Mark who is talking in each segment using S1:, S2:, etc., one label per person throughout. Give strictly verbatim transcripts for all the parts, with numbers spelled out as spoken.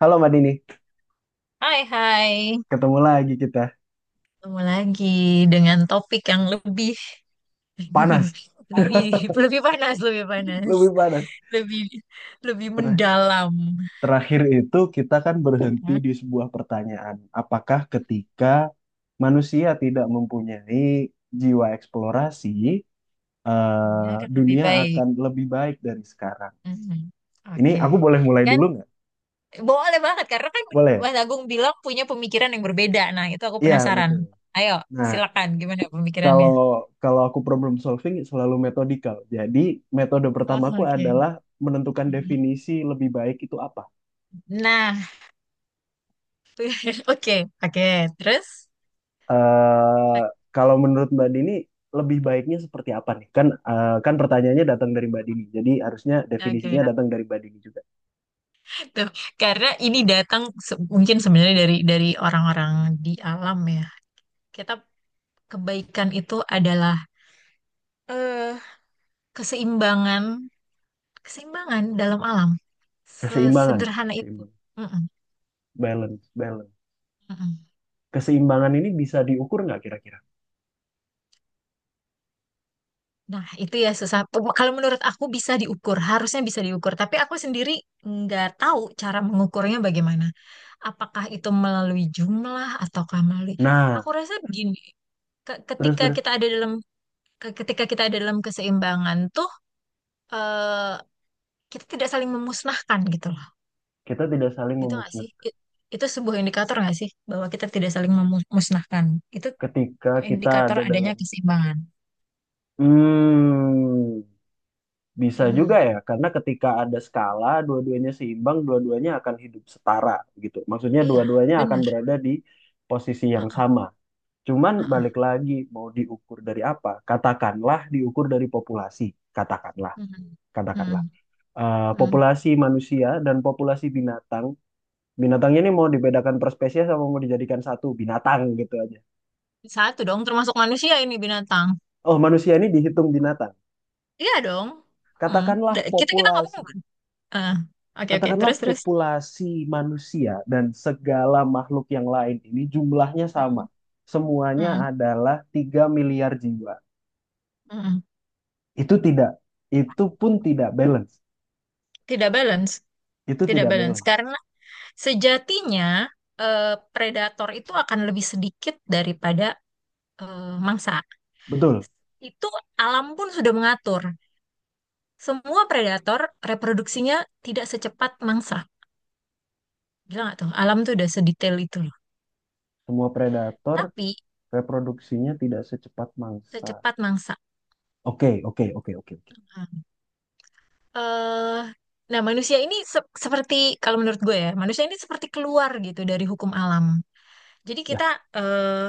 S1: Halo Mbak Dini,
S2: Hai, hai,
S1: ketemu lagi kita.
S2: ketemu lagi dengan topik yang lebih,
S1: Panas,
S2: lebih lebih panas, lebih panas,
S1: lebih panas.
S2: lebih lebih
S1: Ter-
S2: mendalam.
S1: terakhir itu kita kan berhenti
S2: Hah?
S1: di sebuah pertanyaan. Apakah ketika manusia tidak mempunyai jiwa eksplorasi,
S2: Ya
S1: eh,
S2: kan lebih
S1: dunia
S2: baik.
S1: akan lebih baik dari sekarang?
S2: Mhm.
S1: Ini aku
S2: Oke.
S1: boleh mulai
S2: Kan
S1: dulu nggak?
S2: boleh banget, karena kan
S1: Boleh, ya?
S2: Mas Agung bilang punya pemikiran yang berbeda. Nah, itu aku
S1: Iya,
S2: penasaran.
S1: betul.
S2: Ayo,
S1: Nah,
S2: silakan, gimana
S1: kalau
S2: pemikirannya?
S1: kalau aku problem solving selalu metodikal. Jadi metode
S2: Oh,
S1: pertamaku
S2: oke.
S1: adalah menentukan
S2: Mhm.
S1: definisi lebih baik itu apa.
S2: Nah, oke, oke. Terus?
S1: eh kalau menurut Mbak Dini, lebih baiknya seperti apa nih? Kan eh, kan pertanyaannya datang dari Mbak Dini, jadi harusnya
S2: Oke.
S1: definisinya datang dari Mbak Dini juga.
S2: Tuh, karena ini datang se- mungkin sebenarnya dari dari orang-orang di alam ya. Kita kebaikan itu adalah eh, keseimbangan, keseimbangan dalam alam.
S1: Keseimbangan,
S2: Sesederhana itu.
S1: keseimbangan,
S2: Mm-mm,
S1: balance, balance.
S2: mm-mm.
S1: Keseimbangan ini bisa diukur nggak kira-kira?
S2: Nah, itu ya susah. Pe- Kalau menurut aku, bisa diukur, harusnya bisa diukur. Tapi aku sendiri nggak tahu cara mengukurnya bagaimana. Apakah itu melalui jumlah ataukah melalui...
S1: Nah,
S2: Aku rasa begini, ke-
S1: terus
S2: ketika
S1: terus
S2: kita ada dalam ke- ketika kita ada dalam keseimbangan tuh, eh, kita tidak saling memusnahkan gitu loh.
S1: kita tidak saling
S2: Gitu nggak
S1: memusnah
S2: sih? I- Itu sebuah indikator nggak sih bahwa kita tidak saling memusnahkan? Itu
S1: ketika kita
S2: indikator
S1: ada
S2: adanya
S1: dalam.
S2: keseimbangan.
S1: Hmm, bisa juga
S2: Hmm,
S1: ya, karena ketika ada skala, dua-duanya seimbang, dua-duanya akan hidup setara gitu. Maksudnya
S2: iya,
S1: dua-duanya akan
S2: benar.
S1: berada di posisi yang
S2: Heeh,
S1: sama. Cuman balik
S2: heeh.
S1: lagi mau diukur dari apa? Katakanlah diukur dari populasi. Katakanlah,
S2: Mhm,
S1: katakanlah.
S2: mhm,
S1: Eh,
S2: mhm.
S1: populasi manusia dan populasi binatang. Binatangnya ini mau dibedakan per spesies sama mau dijadikan satu binatang gitu aja.
S2: Satu dong, termasuk manusia ini binatang.
S1: Oh, manusia ini dihitung binatang.
S2: Iya dong. Hmm.
S1: Katakanlah
S2: Da- Kita kita
S1: populasi.
S2: ngomong. Ah, oke, oke.
S1: Katakanlah
S2: Terus, terus.
S1: populasi manusia dan segala makhluk yang lain ini jumlahnya
S2: Mm,
S1: sama. Semuanya
S2: mm,
S1: adalah tiga miliar jiwa.
S2: mm.
S1: Itu tidak, itu pun tidak balance.
S2: Tidak balance,
S1: Itu
S2: tidak
S1: tidak
S2: balance
S1: balance.
S2: karena sejatinya eh, predator itu akan lebih sedikit daripada eh, mangsa.
S1: Betul,
S2: Itu, alam pun sudah mengatur. Semua predator reproduksinya tidak secepat mangsa. Gila nggak tuh? Alam tuh udah sedetail itu loh.
S1: semua predator
S2: Tapi
S1: reproduksinya tidak secepat mangsa.
S2: secepat mangsa.
S1: Oke, oke, oke, oke, oke.
S2: Nah, eh, nah, manusia ini se- seperti, kalau menurut gue ya, manusia ini seperti keluar gitu dari hukum alam. Jadi kita
S1: Ya.
S2: eh,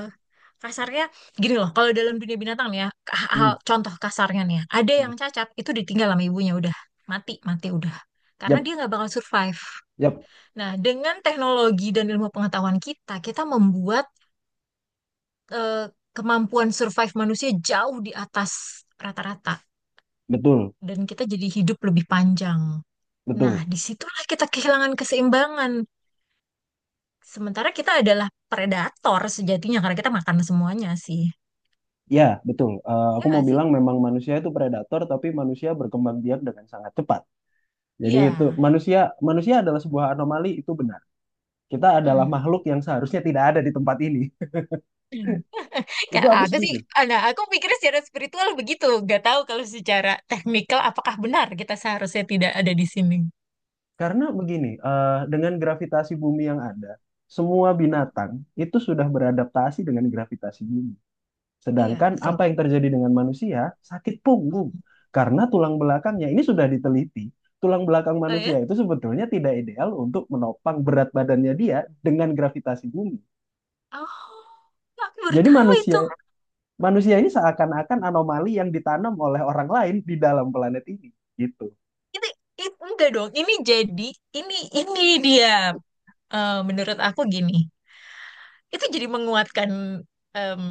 S2: kasarnya gini loh, kalau dalam dunia binatang nih ya, ah, ah,
S1: Hmm.
S2: contoh kasarnya nih ya, ada
S1: Hmm.
S2: yang cacat itu ditinggal sama ibunya, udah mati, mati udah, karena
S1: Yap,
S2: dia nggak bakal survive.
S1: yap,
S2: Nah, dengan teknologi dan ilmu pengetahuan kita, kita membuat eh, kemampuan survive manusia jauh di atas rata-rata,
S1: betul,
S2: dan kita jadi hidup lebih panjang. Nah,
S1: betul.
S2: disitulah kita kehilangan keseimbangan. Sementara kita adalah predator sejatinya, karena kita makan semuanya sih.
S1: Ya, betul. Eh,
S2: Ya
S1: aku mau
S2: nggak sih?
S1: bilang memang manusia itu predator, tapi manusia berkembang biak dengan sangat cepat. Jadi itu
S2: Iya.
S1: manusia manusia adalah sebuah anomali, itu benar. Kita adalah
S2: Hmm.
S1: makhluk yang seharusnya tidak ada di tempat ini. Itu
S2: Kayak
S1: aku
S2: aku sih,
S1: setuju.
S2: nah aku pikirnya secara spiritual begitu. Gak tahu kalau secara teknikal apakah benar kita seharusnya tidak ada di sini.
S1: Karena begini, eh, dengan gravitasi bumi yang ada, semua binatang itu sudah beradaptasi dengan gravitasi bumi.
S2: Iya,
S1: Sedangkan
S2: betul.
S1: apa yang terjadi dengan manusia? Sakit
S2: Hmm.
S1: punggung. Karena tulang belakangnya ini sudah diteliti, tulang belakang
S2: Oh ya?
S1: manusia itu sebetulnya tidak ideal untuk menopang berat badannya dia dengan gravitasi bumi.
S2: Oh, aku baru
S1: Jadi
S2: tahu
S1: manusia
S2: itu.
S1: manusia ini seakan-akan anomali yang ditanam oleh orang lain di dalam planet ini, gitu.
S2: Ini, it- enggak dong. Ini jadi, ini ini dia, eh, menurut aku gini. Itu jadi menguatkan, em,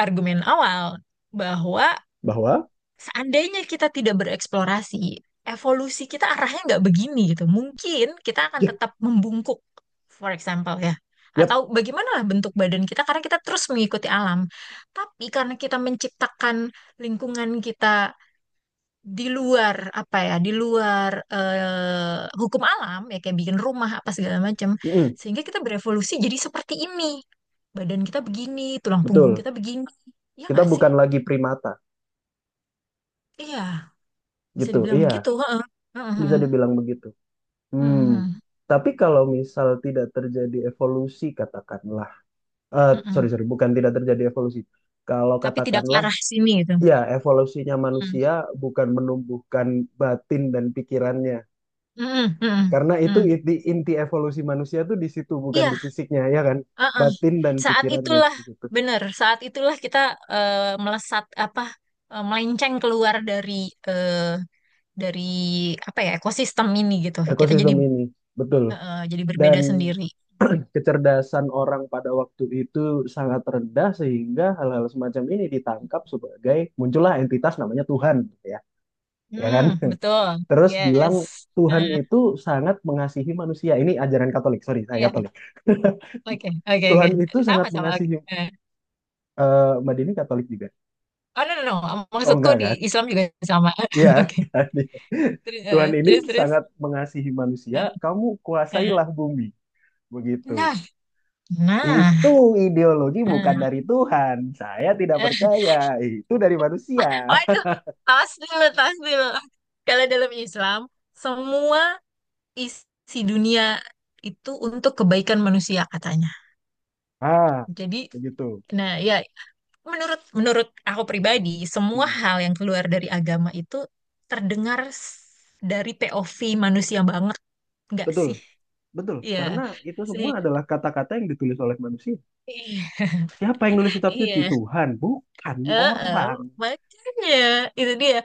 S2: argumen awal, bahwa
S1: Bahwa
S2: seandainya kita tidak bereksplorasi, evolusi kita arahnya nggak begini gitu. Mungkin kita akan
S1: ya,
S2: tetap membungkuk, for example ya.
S1: yep,
S2: Atau bagaimana lah bentuk badan kita, karena kita terus mengikuti alam. Tapi karena kita menciptakan lingkungan kita di luar, apa ya di luar eh, hukum alam, ya kayak bikin rumah apa segala macam,
S1: mm,
S2: sehingga kita berevolusi jadi seperti ini. Badan kita begini, tulang punggung
S1: betul.
S2: kita begini, ya
S1: Kita
S2: nggak sih?
S1: bukan lagi primata,
S2: Iya, bisa
S1: gitu.
S2: dibilang
S1: Iya,
S2: begitu. Heeh. Heeh,
S1: bisa
S2: heeh.
S1: dibilang begitu.
S2: Heeh,
S1: Hmm.
S2: heeh.
S1: Tapi kalau misal tidak terjadi evolusi, katakanlah, eh sorry
S2: Heeh.
S1: sorry bukan tidak terjadi evolusi, kalau
S2: Tapi tidak ke
S1: katakanlah
S2: arah sini gitu.
S1: ya, evolusinya
S2: Heeh.
S1: manusia bukan menumbuhkan batin dan pikirannya,
S2: Heeh, heeh,
S1: karena itu
S2: heeh.
S1: inti inti evolusi manusia tuh di situ, bukan
S2: Iya,
S1: di fisiknya, ya kan?
S2: heeh.
S1: Batin dan
S2: saat
S1: pikirannya,
S2: itulah
S1: begitu.
S2: Benar, saat itulah kita, eh, melesat apa eh, melenceng keluar dari dari apa ya ekosistem ini gitu. Kita jadi,
S1: Ekosistem ini, betul.
S2: eh, jadi
S1: Dan
S2: berbeda sendiri.
S1: kecerdasan orang pada waktu itu sangat rendah, sehingga hal-hal semacam ini ditangkap sebagai muncullah entitas namanya Tuhan, gitu ya, ya kan?
S2: Hmm, betul.
S1: Terus bilang
S2: Yes.
S1: Tuhan
S2: Eh,
S1: itu sangat mengasihi manusia. Ini ajaran Katolik, sorry, saya
S2: Iya.
S1: Katolik.
S2: Oke, oke, oke.
S1: Tuhan itu
S2: Sama,
S1: sangat
S2: sama. Oke.
S1: mengasihi.
S2: Eh,
S1: eh, Mbak Dini Katolik juga.
S2: Oh, no, no, no.
S1: Oh
S2: Maksudku
S1: enggak
S2: di
S1: kan?
S2: Islam juga sama.
S1: Iya,
S2: Oke.
S1: kan?
S2: Terus,
S1: Tuhan
S2: eh,
S1: ini
S2: terus, terus.
S1: sangat mengasihi manusia,
S2: Eh,
S1: kamu
S2: eh.
S1: kuasailah bumi. Begitu.
S2: Nah, nah.
S1: Itu ideologi bukan
S2: eh,
S1: dari Tuhan. Saya tidak
S2: eh.
S1: percaya. Itu dari manusia.
S2: Waduh, tas dulu, tas dulu. Kalau dalam Islam, semua isi dunia itu untuk kebaikan manusia katanya.
S1: Ah,
S2: Jadi,
S1: begitu.
S2: nah ya, Menurut menurut aku pribadi, semua
S1: Hmm,
S2: hal yang keluar dari agama itu terdengar s- dari P O V manusia banget, nggak
S1: betul,
S2: sih?
S1: betul.
S2: Iya.
S1: Karena itu
S2: Sih.
S1: semua adalah kata-kata yang ditulis oleh manusia.
S2: Iya.
S1: Siapa yang nulis kitab suci?
S2: Iya.
S1: Tuhan, bukan
S2: Heeh.
S1: orang.
S2: Makanya, itu dia.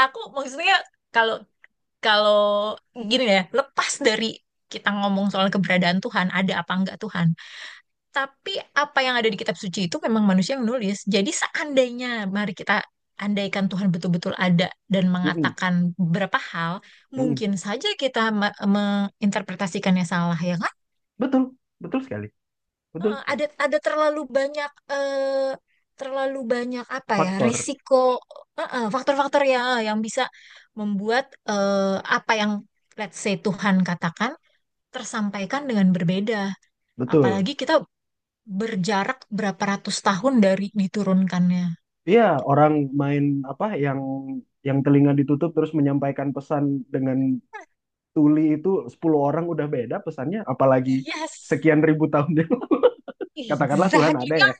S2: Aku maksudnya kalau kalau gini ya, lepas dari kita ngomong soal keberadaan Tuhan, ada apa enggak Tuhan? Tapi apa yang ada di kitab suci itu memang manusia yang nulis. Jadi seandainya, mari kita andaikan Tuhan betul-betul ada dan
S1: Mm-mm,
S2: mengatakan beberapa hal,
S1: mm-mm.
S2: mungkin saja kita ma- menginterpretasikannya salah, ya kan?
S1: Betul, betul sekali, betul
S2: Eh,
S1: sekali.
S2: Ada ada terlalu banyak, eh, terlalu banyak apa ya
S1: Faktor,
S2: risiko eh, eh, faktor-faktor ya, eh, yang bisa membuat, eh, apa yang let's say Tuhan katakan tersampaikan dengan berbeda.
S1: betul.
S2: Apalagi kita berjarak berapa ratus tahun dari diturunkannya.
S1: Iya, orang main apa yang yang telinga ditutup terus menyampaikan pesan dengan tuli, itu sepuluh orang udah beda pesannya, apalagi
S2: Yes,
S1: sekian ribu tahun yang lalu. Katakanlah Tuhan
S2: exact.
S1: ada ya,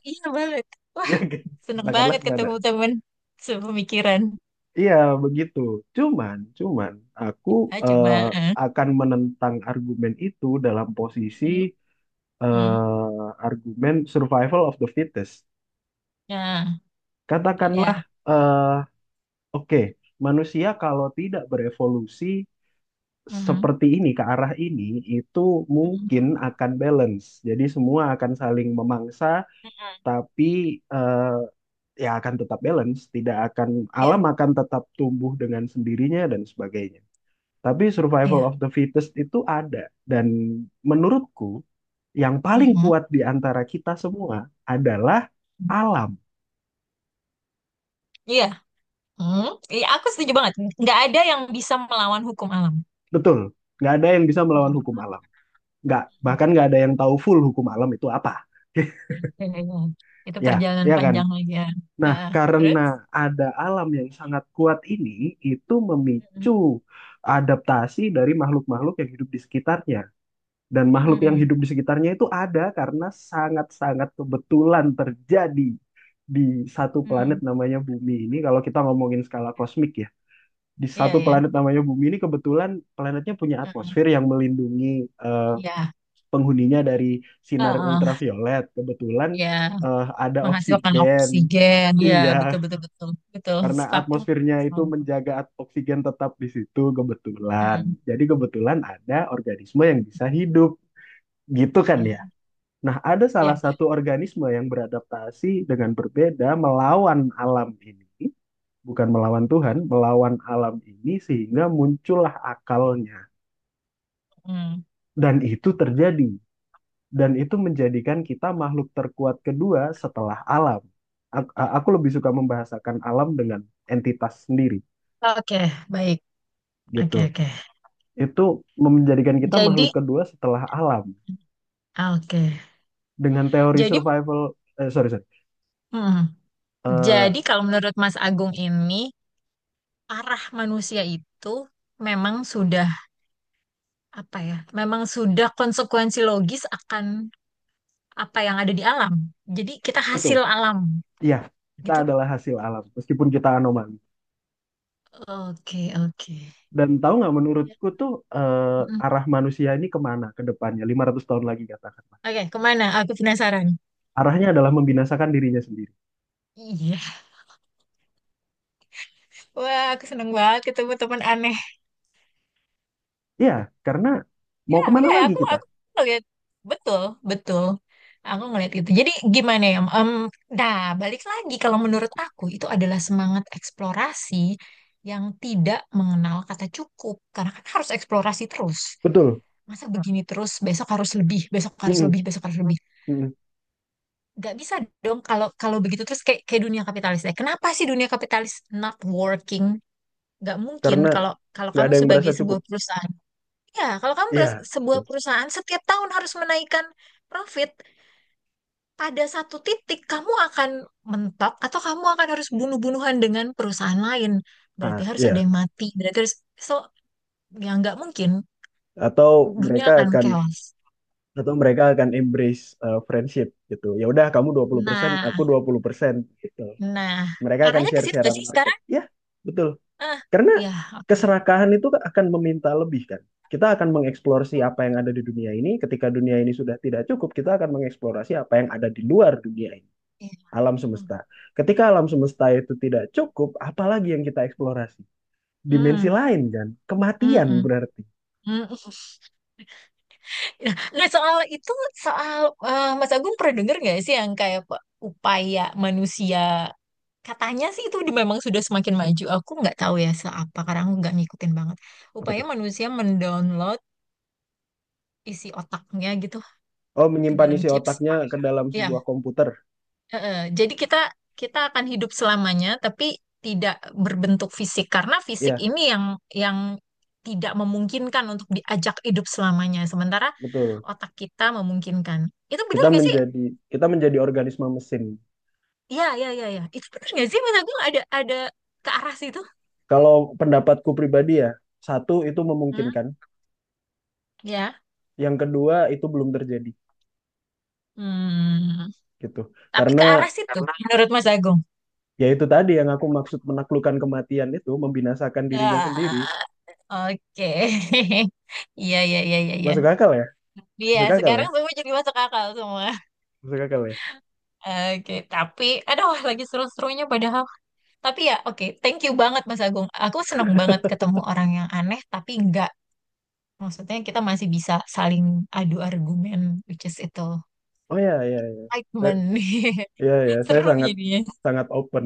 S2: Wah,
S1: ya kan?
S2: seneng
S1: Katakanlah
S2: banget
S1: Tuhan
S2: ketemu
S1: ada.
S2: temen sepemikiran.
S1: Iya, begitu. Cuman, cuman aku,
S2: Ah,
S1: eh,
S2: cuma.
S1: akan menentang argumen itu dalam posisi,
S2: Mm, mm.
S1: eh, argumen survival of the fittest.
S2: Ya,
S1: Katakanlah,
S2: ya.
S1: eh, oke, manusia kalau tidak berevolusi
S2: Mm,
S1: seperti ini ke arah ini, itu mungkin
S2: mm,
S1: akan balance. Jadi semua akan saling memangsa,
S2: mm.
S1: tapi eh, ya akan tetap balance. Tidak akan. Alam
S2: Iya,
S1: akan tetap tumbuh dengan sendirinya dan sebagainya. Tapi survival of
S2: iya.
S1: the fittest itu ada, dan menurutku yang paling
S2: Mm.
S1: kuat di antara kita semua adalah alam.
S2: Iya. Mm. Iya, aku setuju banget. Nggak ada yang bisa melawan hukum alam.
S1: Betul, nggak ada yang bisa melawan
S2: Mm,
S1: hukum alam. Nggak,
S2: mm, mm.
S1: bahkan nggak ada yang tahu full hukum alam itu apa.
S2: Iya, iya. Itu
S1: Ya,
S2: perjalanan
S1: ya kan?
S2: panjang lagi ya. Ah,
S1: Nah,
S2: ah.
S1: karena
S2: Terus?
S1: ada alam yang sangat kuat ini, itu
S2: Mm,
S1: memicu adaptasi dari makhluk-makhluk yang hidup di sekitarnya. Dan makhluk yang
S2: mm,
S1: hidup di sekitarnya itu ada karena sangat-sangat kebetulan terjadi di satu planet
S2: mm.
S1: namanya Bumi ini. Kalau kita ngomongin skala kosmik ya, di
S2: Iya,
S1: satu
S2: iya.
S1: planet namanya Bumi ini kebetulan planetnya punya
S2: Mm.
S1: atmosfer yang melindungi, eh,
S2: Iya.
S1: penghuninya dari sinar
S2: Ah, ah.
S1: ultraviolet. Kebetulan
S2: Ya,
S1: eh, ada
S2: menghasilkan
S1: oksigen.
S2: oksigen. Ya,
S1: Iya,
S2: betul, betul, betul, betul.
S1: karena
S2: Sepakat.
S1: atmosfernya itu
S2: Sepakat.
S1: menjaga at- oksigen tetap di situ, kebetulan.
S2: Hmm.
S1: Jadi kebetulan ada organisme yang bisa hidup, gitu kan ya.
S2: Hmm.
S1: Nah, ada
S2: Ya.
S1: salah satu organisme yang beradaptasi dengan berbeda melawan alam ini, bukan melawan Tuhan, melawan alam ini sehingga muncullah akalnya.
S2: Hmm.
S1: Dan itu terjadi, dan itu menjadikan kita makhluk terkuat kedua setelah alam. Ak- Aku lebih suka membahasakan alam dengan entitas sendiri,
S2: Oke, baik. Oke,
S1: gitu.
S2: oke.
S1: Itu menjadikan kita makhluk
S2: Jadi,
S1: kedua setelah alam
S2: oke.
S1: dengan teori
S2: Jadi,
S1: survival, eh, sorry sorry
S2: hmm.
S1: Eh,
S2: Jadi, kalau menurut Mas Agung ini, arah manusia itu memang sudah apa ya? Memang sudah konsekuensi logis akan apa yang ada di alam. Jadi kita
S1: betul
S2: hasil alam
S1: ya, kita
S2: gitu.
S1: adalah hasil alam meskipun kita anomali.
S2: Oke, oke.
S1: Dan tahu nggak, menurutku tuh,
S2: Hmm.
S1: eh, arah manusia ini kemana ke depannya lima ratus tahun lagi, katakanlah.
S2: Oke, kemana? Aku penasaran.
S1: Arahnya adalah membinasakan dirinya sendiri.
S2: Iya. Wah, aku seneng banget ketemu teman aneh.
S1: Iya, karena
S2: Ya,
S1: mau kemana
S2: ya,
S1: lagi
S2: aku
S1: kita?
S2: aku ngeliat betul, betul. Aku ngeliat itu. Jadi gimana ya? Em, nah, balik lagi, kalau menurut aku itu adalah semangat eksplorasi yang tidak mengenal kata cukup. Karena kan harus eksplorasi terus.
S1: Betul.
S2: Masa begini terus, besok harus lebih, besok harus
S1: Mm-mm.
S2: lebih, besok harus lebih.
S1: Mm-mm.
S2: Gak bisa dong kalau kalau begitu terus, kayak kayak dunia kapitalis ya. Kenapa sih dunia kapitalis not working? Gak mungkin
S1: Karena
S2: kalau kalau
S1: nggak
S2: kamu
S1: ada yang merasa
S2: sebagai
S1: cukup,
S2: sebuah perusahaan. Ya, kalau kamu
S1: iya,
S2: beras- sebuah
S1: gitu.
S2: perusahaan setiap tahun harus menaikkan profit, pada satu titik kamu akan mentok, atau kamu akan harus bunuh-bunuhan dengan perusahaan lain.
S1: Ah,
S2: Berarti harus ada
S1: iya.
S2: yang mati. Berarti harus, so ya nggak mungkin,
S1: atau
S2: dunia
S1: mereka
S2: akan
S1: akan
S2: chaos.
S1: atau mereka akan embrace uh, friendship, gitu, ya udah, kamu dua puluh persen
S2: Nah,
S1: aku dua puluh persen, gitu.
S2: nah,
S1: Mereka akan
S2: arahnya ke
S1: share
S2: situ
S1: share
S2: nggak sih
S1: market
S2: sekarang?
S1: ya, betul.
S2: Ah,
S1: Karena
S2: ya, oke.
S1: keserakahan itu akan meminta lebih kan, kita akan mengeksplorasi apa yang ada di dunia ini. Ketika dunia ini sudah tidak cukup, kita akan mengeksplorasi apa yang ada di luar dunia ini,
S2: Oke.
S1: alam
S2: Hmm,
S1: semesta. Ketika alam semesta itu tidak cukup, apalagi yang kita eksplorasi? Dimensi
S2: hmm,
S1: lain kan,
S2: hmm,
S1: kematian
S2: hmm,
S1: berarti.
S2: hmm. Nah, nah, soal itu, soal eh, Mas Agung pernah dengar nggak sih yang kayak, pe- upaya manusia, katanya sih itu di- memang sudah semakin maju. Aku nggak tahu ya seapa, karena aku nggak ngikutin banget.
S1: Apa
S2: Upaya
S1: tuh?
S2: manusia mendownload isi otaknya gitu
S1: Oh,
S2: ke
S1: menyimpan
S2: dalam
S1: isi
S2: chips.
S1: otaknya ke dalam
S2: Ya,
S1: sebuah komputer.
S2: heeh. Jadi kita, kita akan hidup selamanya, tapi tidak berbentuk fisik, karena fisik
S1: Iya,
S2: ini yang, yang tidak memungkinkan untuk diajak hidup selamanya. Sementara
S1: betul,
S2: otak kita memungkinkan. Itu benar
S1: kita
S2: nggak sih?
S1: menjadi kita menjadi organisme mesin.
S2: Iya, iya, iya, iya. Itu bener nggak sih Pentagon ada, ada ke arah situ?
S1: Kalau pendapatku pribadi ya, satu itu
S2: Hmm,
S1: memungkinkan,
S2: ya.
S1: yang kedua itu belum terjadi,
S2: Hmm.
S1: gitu,
S2: Tapi
S1: karena
S2: ke arah situ menurut Mas Agung.
S1: ya itu tadi yang aku maksud, menaklukkan kematian itu membinasakan dirinya
S2: Ah,
S1: sendiri.
S2: oke. Iya, iya, iya, iya, iya.
S1: Masuk akal ya,
S2: Iya,
S1: masuk akal ya,
S2: sekarang semua jadi masuk akal semua.
S1: masuk akal ya.
S2: Oke, tapi aduh, lagi seru-serunya padahal. Tapi ya, oke, thank you banget Mas Agung. Aku seneng banget ketemu orang yang aneh, tapi enggak. Maksudnya kita masih bisa saling adu argumen, which is itu
S1: Oh ya, ya, ya. Saya,
S2: excitement.
S1: ya, ya, saya
S2: Seru
S1: sangat
S2: jadinya.
S1: sangat open,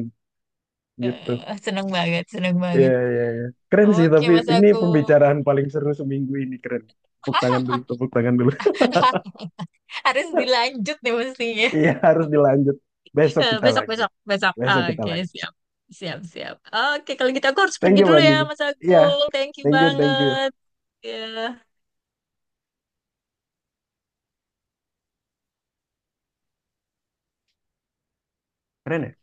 S1: gitu.
S2: Eh, seneng banget, seneng
S1: Iya,
S2: banget.
S1: iya, iya. Keren sih,
S2: Oke,
S1: tapi
S2: Mas,
S1: ini
S2: aku
S1: pembicaraan paling seru seminggu ini, keren. Tepuk tangan dulu, tepuk tangan dulu.
S2: harus dilanjut nih mestinya.
S1: Iya, harus dilanjut. Besok
S2: Eh,
S1: kita
S2: besok,
S1: lanjut.
S2: besok, besok.
S1: Besok kita
S2: Oke,
S1: lanjut.
S2: siap, siap, siap. Oke, kalau gitu aku harus
S1: Thank
S2: pergi
S1: you,
S2: dulu
S1: Mbak
S2: ya,
S1: Dini.
S2: Mas, aku
S1: Iya,
S2: thank you
S1: thank you, thank you.
S2: banget. Ya.
S1: Keren ya?